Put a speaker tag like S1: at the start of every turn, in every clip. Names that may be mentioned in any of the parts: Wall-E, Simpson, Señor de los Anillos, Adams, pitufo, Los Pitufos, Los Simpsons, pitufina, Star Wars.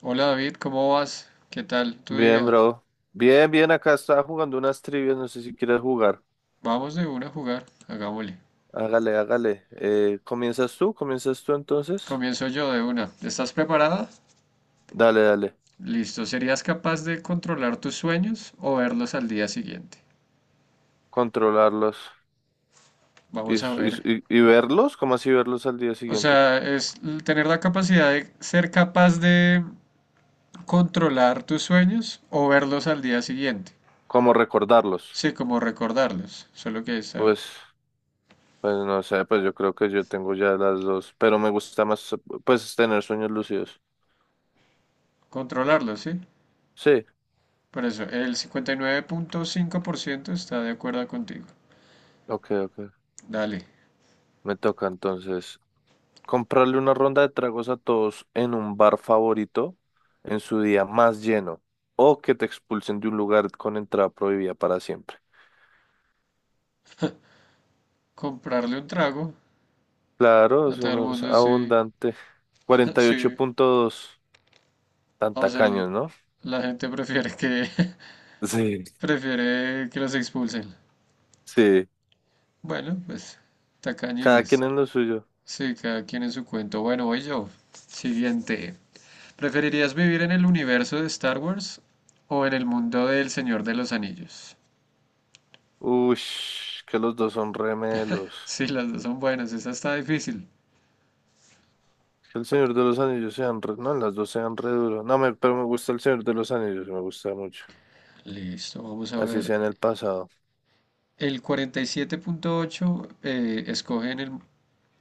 S1: Hola David, ¿cómo vas? ¿Qué tal tu
S2: Bien,
S1: día?
S2: bro. Bien, bien, acá estaba jugando unas trivias, no sé si quieres jugar.
S1: Vamos de una a jugar, hagámosle.
S2: Hágale, hágale. ¿Comienzas tú? ¿Comienzas tú entonces?
S1: Comienzo yo de una. ¿Estás preparada?
S2: Dale, dale.
S1: Listo. ¿Serías capaz de controlar tus sueños o verlos al día siguiente?
S2: Controlarlos y,
S1: Vamos a
S2: s- y, s-
S1: ver.
S2: y- y verlos, ¿cómo así verlos al día
S1: O
S2: siguiente?
S1: sea, tener la capacidad de ser capaz de controlar tus sueños o verlos al día siguiente.
S2: ¿Cómo recordarlos?
S1: Sí, como recordarlos, solo que está
S2: Pues, pues no sé, pues yo creo que yo tengo ya las dos, pero me gusta más, pues, tener sueños lúcidos.
S1: controlarlos, ¿sí?
S2: Sí,
S1: Por eso, el 59.5% está de acuerdo contigo.
S2: ok, ok.
S1: Dale.
S2: Me toca entonces. Comprarle una ronda de tragos a todos en un bar favorito en su día más lleno o que te expulsen de un lugar con entrada prohibida para siempre.
S1: Comprarle un trago
S2: Claro,
S1: a
S2: eso
S1: todo el
S2: no es
S1: mundo, sí,
S2: abundante.
S1: sí.
S2: 48.2, tan
S1: O sea,
S2: tacaños, ¿no?
S1: la gente prefiere que
S2: Sí.
S1: prefiere que los expulsen.
S2: Sí,
S1: Bueno, pues
S2: cada quien
S1: tacañines.
S2: en lo suyo.
S1: Sí, cada quien en su cuento. Bueno, voy yo. Siguiente. ¿Preferirías vivir en el universo de Star Wars o en el mundo del Señor de los Anillos?
S2: Ush, que los dos son remelos.
S1: Sí, las dos son buenas. Esta está difícil.
S2: Que el Señor de los Anillos sean no, las dos sean re duros. No, pero me gusta el Señor de los Anillos, me gusta mucho.
S1: Listo, vamos a
S2: Así
S1: ver.
S2: sea en el pasado.
S1: El 47.8 escoge en el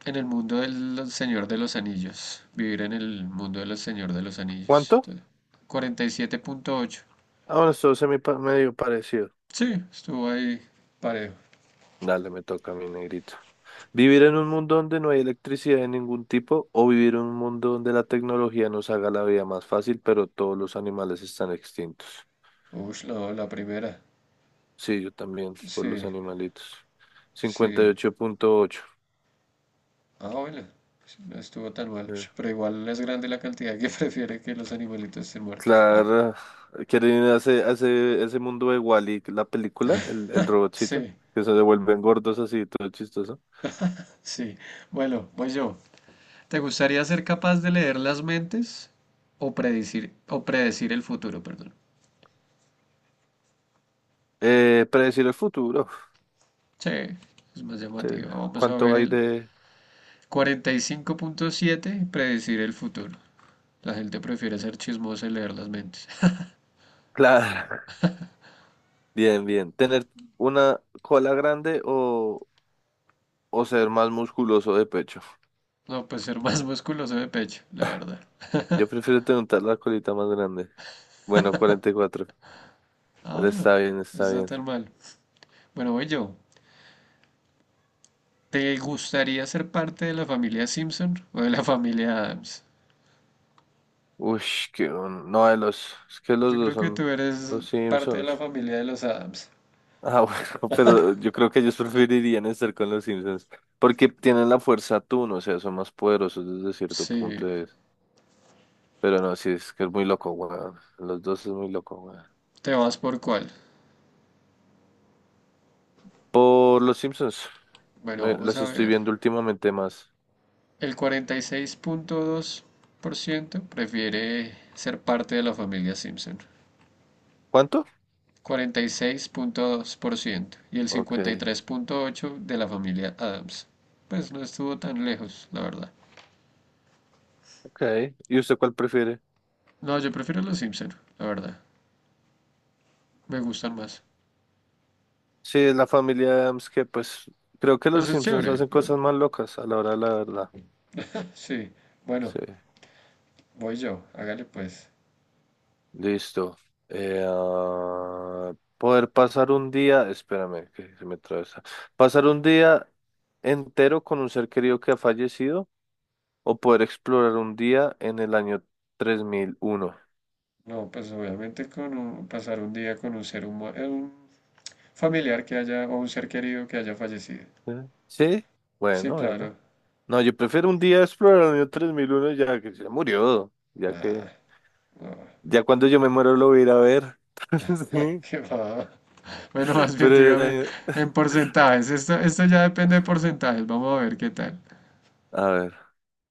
S1: En el mundo del Señor de los Anillos. Vivir en el mundo del Señor de los Anillos.
S2: ¿Cuánto?
S1: Entonces, 47.8.
S2: Ah, bueno, esto se me medio parecido.
S1: Sí, estuvo ahí parejo.
S2: Dale, me toca a mi negrito. ¿Vivir en un mundo donde no hay electricidad de ningún tipo o vivir en un mundo donde la tecnología nos haga la vida más fácil, pero todos los animales están extintos?
S1: Uy, no, la primera.
S2: Sí, yo también, por
S1: Sí,
S2: los animalitos.
S1: sí.
S2: 58.8.
S1: Ah, bueno, sí, no estuvo tan mal.
S2: Eh,
S1: Ush, pero igual es grande la cantidad que prefiere que los animalitos estén muertos. Ah,
S2: claro, ¿quieren ir hace ese mundo de Wall-E, la película, el robotcito?
S1: sí,
S2: Que se devuelven gordos así, todo chistoso.
S1: sí. Bueno, voy yo. ¿Te gustaría ser capaz de leer las mentes o predecir el futuro, perdón?
S2: Predecir el futuro.
S1: Sí, es más
S2: Sí,
S1: llamativo. Vamos a
S2: ¿cuánto
S1: ver
S2: hay
S1: el
S2: de...?
S1: 45.7, predecir el futuro. La gente prefiere ser chismosa y leer las mentes.
S2: Claro. Bien, bien. ¿Tener una cola grande o ser más musculoso de pecho?
S1: No, pues ser más musculoso de pecho, la verdad.
S2: Yo prefiero tener la colita más grande. Bueno, 44.
S1: Ah,
S2: Él
S1: bueno,
S2: está bien,
S1: no
S2: está
S1: está
S2: bien.
S1: tan mal. Bueno, voy yo. ¿Te gustaría ser parte de la familia Simpson o de la familia Adams?
S2: Uy, que no, de los, es que los
S1: Yo
S2: dos
S1: creo que tú
S2: son
S1: eres
S2: los
S1: parte de
S2: Simpsons.
S1: la familia de los Adams.
S2: Ah, bueno, pero yo creo que ellos preferirían estar con los Simpsons porque tienen la fuerza Tun, o sea, son más poderosos desde cierto
S1: Sí,
S2: punto de vista. Pero no, sí, es que es muy loco, weón. Los dos es muy loco, weón.
S1: ¿te vas por cuál?
S2: Por los Simpsons.
S1: Bueno,
S2: Me-
S1: vamos
S2: las
S1: a
S2: estoy
S1: ver.
S2: viendo últimamente más.
S1: El 46.2% prefiere ser parte de la familia Simpson.
S2: ¿Cuánto?
S1: 46.2% y el
S2: Ok,
S1: 53.8% de la familia Adams. Pues no estuvo tan lejos, la verdad.
S2: ok. ¿Y usted cuál prefiere?
S1: No, yo prefiero los Simpson, la verdad. Me gustan más.
S2: Sí, es la familia Adams que pues creo que
S1: Pues
S2: los
S1: es
S2: Simpsons
S1: chévere,
S2: hacen
S1: pero...
S2: cosas más locas a la hora de la verdad.
S1: Sí, bueno,
S2: Sí,
S1: voy yo, hágale pues.
S2: listo. Eh, ah, poder pasar un día, espérame que se me atraviesa. Pasar un día entero con un ser querido que ha fallecido o poder explorar un día en el año 3001.
S1: No, pues obviamente con pasar un día con un ser humano, un familiar que haya, o un ser querido que haya fallecido.
S2: ¿Eh? Sí,
S1: Sí,
S2: bueno, bueno.
S1: claro.
S2: No, yo prefiero un día explorar el año 3001 ya que se murió, ya
S1: Nah,
S2: que
S1: no,
S2: ya cuando yo me muero lo voy a ir a ver. Sí,
S1: qué va. Bueno, más bien
S2: pero
S1: dígame en porcentajes. Esto ya depende de porcentajes. Vamos a ver qué tal.
S2: a ver,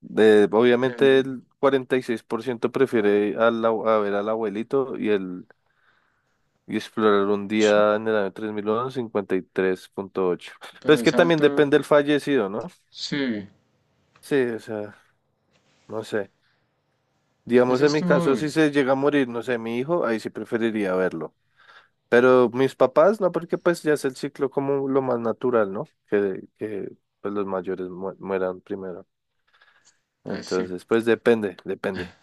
S2: obviamente
S1: Que-
S2: el 46% prefiere al a ver al abuelito y explorar un
S1: sh-
S2: día en el año 3001, 53.8. Pero
S1: Pero
S2: es que
S1: es
S2: también
S1: alto.
S2: depende del fallecido, ¿no?
S1: Sí,
S2: Sí, o sea, no sé. Digamos
S1: eso
S2: en mi
S1: estuvo
S2: caso,
S1: duro.
S2: si se llega a morir, no sé, mi hijo, ahí sí preferiría verlo. Pero mis papás, no, porque pues ya es el ciclo como lo más natural, ¿no? Que pues los mayores mueran primero.
S1: Sí.
S2: Entonces, pues depende, depende.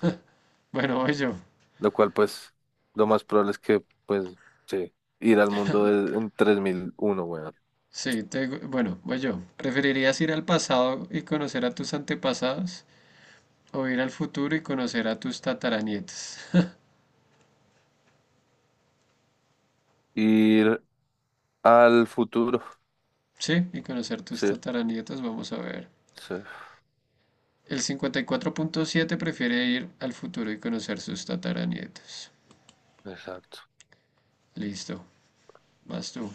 S1: Bueno, voy yo.
S2: Lo cual, pues, lo más probable es que, pues, sí, ir al mundo en 3001 weón.
S1: Sí, te bueno, voy yo. ¿Preferirías ir al pasado y conocer a tus antepasados o ir al futuro y conocer a tus tataranietas?
S2: Ir al futuro.
S1: Sí, y conocer tus
S2: Sí,
S1: tataranietas, vamos a ver.
S2: sí,
S1: El 54.7 prefiere ir al futuro y conocer sus tataranietas.
S2: exacto.
S1: Listo, vas tú.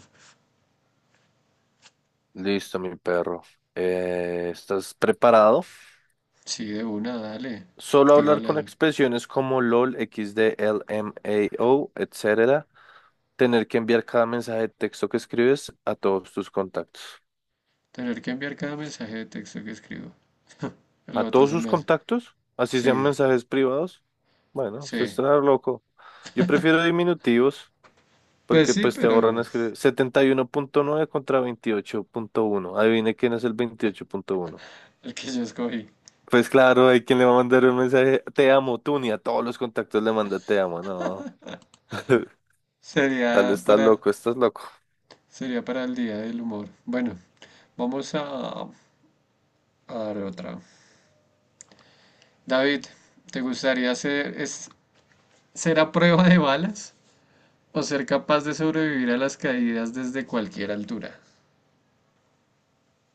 S2: Listo, mi perro. ¿Estás preparado?
S1: Sí, de una, dale.
S2: Solo hablar
S1: Tírala.
S2: con
S1: De
S2: expresiones como LOL, x XD, LMAO, etcétera tener que enviar cada mensaje de texto que escribes a todos tus contactos.
S1: Tener que enviar cada mensaje de texto que escribo.
S2: A
S1: La otra
S2: todos
S1: se
S2: sus
S1: me hace.
S2: contactos, así sean
S1: Sí,
S2: mensajes privados. Bueno, usted
S1: sí.
S2: está loco. Yo prefiero diminutivos
S1: Pues
S2: porque
S1: sí,
S2: pues te ahorran
S1: pero
S2: escribir 71.9 contra 28.1. Adivine quién es el 28.1.
S1: el que yo escogí.
S2: Pues claro, hay quien le va a mandar un mensaje, te amo, tú ni a todos los contactos le manda te amo, no. Tal
S1: Sería
S2: estás
S1: para,
S2: loco, estás loco.
S1: sería para el día del humor. Bueno, vamos a dar otra. David, ¿te gustaría ser a prueba de balas o ser capaz de sobrevivir a las caídas desde cualquier altura?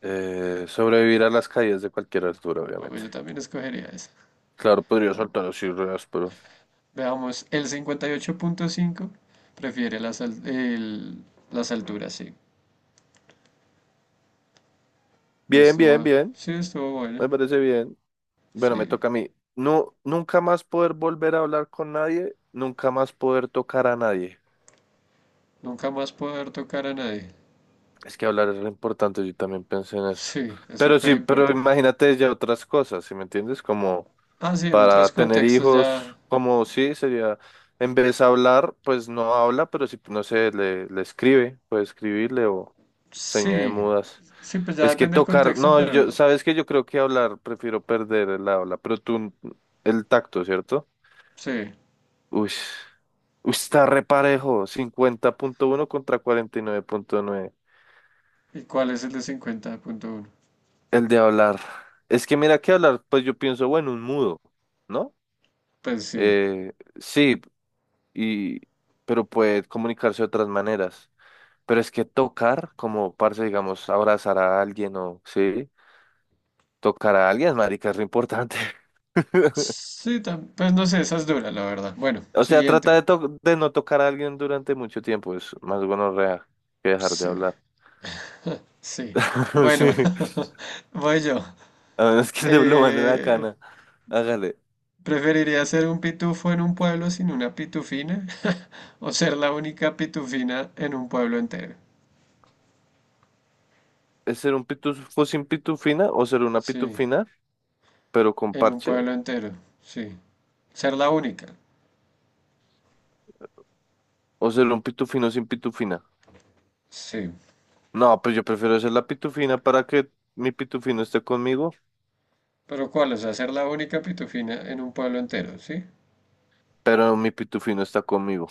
S2: Sobrevivir a las caídas de cualquier altura,
S1: Bueno,
S2: obviamente.
S1: yo también escogería esa.
S2: Claro, podría saltar
S1: Vamos.
S2: así, pero
S1: Veamos, el 58.5 prefiere las alturas, sí. No
S2: bien, bien,
S1: estuvo,
S2: bien.
S1: sí, estuvo bueno.
S2: Me parece bien. Bueno, me
S1: Sí,
S2: toca a mí. No, nunca más poder volver a hablar con nadie, nunca más poder tocar a nadie.
S1: nunca más poder tocar a nadie.
S2: Es que hablar es lo importante, yo también pensé en eso.
S1: Sí, es
S2: Pero
S1: súper
S2: sí, pero
S1: importante.
S2: imagínate ya otras cosas, ¿sí me entiendes? Como
S1: Ah, sí, en otros
S2: para tener
S1: contextos ya.
S2: hijos, como sí, sería, en vez de hablar, pues no habla, pero si, no sé, le escribe, puede escribirle o señal de
S1: Sí,
S2: mudas.
S1: sí, pues ya
S2: Es que
S1: depende del
S2: tocar,
S1: contexto,
S2: no,
S1: pero
S2: yo,
S1: no.
S2: sabes que yo creo que hablar, prefiero perder el habla, pero tú, el tacto, ¿cierto?
S1: Sí,
S2: Uy, uy, está reparejo, 50.1 contra 49.9.
S1: ¿y cuál es el de 50.1?
S2: El de hablar. Es que mira que hablar, pues yo pienso, bueno, un mudo, ¿no?
S1: Pues sí.
S2: Eh, sí, y, pero puede comunicarse de otras maneras. Pero es que tocar, como parce, digamos, abrazar a alguien o, sí, tocar a alguien, marica, es re importante.
S1: Sí, pues no sé, esa es dura, la verdad. Bueno,
S2: O sea, trata
S1: siguiente.
S2: de, de no tocar a alguien durante mucho tiempo. Es más gonorrea que dejar de
S1: Sí,
S2: hablar.
S1: sí. Bueno,
S2: Sí,
S1: voy yo.
S2: a menos que le lo manden a la
S1: Eh,
S2: cana. Hágale.
S1: ¿Preferiría ser un pitufo en un pueblo sin una pitufina o ser la única pitufina en un pueblo entero?
S2: ¿Es ser un pitufo sin pitufina o ser una
S1: Sí,
S2: pitufina, pero con
S1: en un
S2: parche?
S1: pueblo entero, sí. Ser la única,
S2: ¿O ser un pitufino sin pitufina?
S1: sí.
S2: No, pues yo prefiero ser la pitufina para que mi pitufino esté conmigo,
S1: Pero ¿cuál? O sea, ser la única pitufina en un pueblo entero, ¿sí?
S2: pero mi pitufino está conmigo.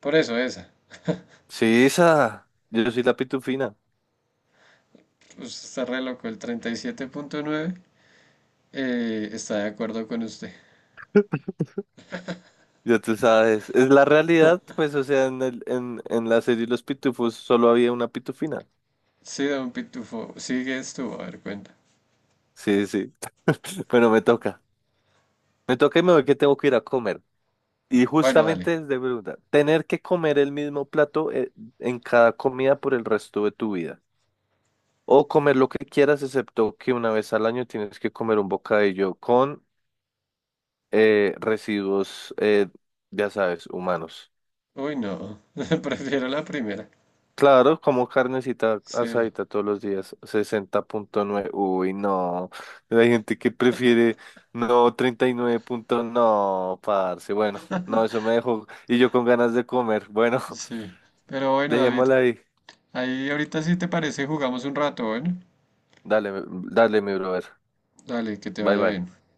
S1: Por eso esa.
S2: Sí, esa. Yo soy la pitufina.
S1: Usted está re loco, el 37.9 está de acuerdo con usted.
S2: Ya tú sabes, es la realidad, pues, o sea, en la serie Los Pitufos solo había una pitufina.
S1: Sí, don Pitufo, sigues tú, a ver, cuenta.
S2: Sí, sí. Bueno, me toca. Me toca y me voy que tengo que ir a comer. Y
S1: Bueno, dale.
S2: justamente es de pregunta, ¿tener que comer el mismo plato en cada comida por el resto de tu vida? O comer lo que quieras, excepto que una vez al año tienes que comer un bocadillo con residuos, ya sabes, humanos.
S1: Uy, no, prefiero la primera.
S2: Claro, como carnecita
S1: Sí,
S2: asadita todos los días, 60.9. Uy, no. Hay gente que prefiere, no, 39. No, parce. Bueno, no, eso me dejó. Y yo con ganas de comer. Bueno,
S1: sí. Pero bueno, David,
S2: dejémosla ahí.
S1: ahí ahorita si te parece jugamos un rato, bueno.
S2: Dale, dale, mi brother.
S1: Dale, que te
S2: Bye,
S1: vaya
S2: bye.
S1: bien.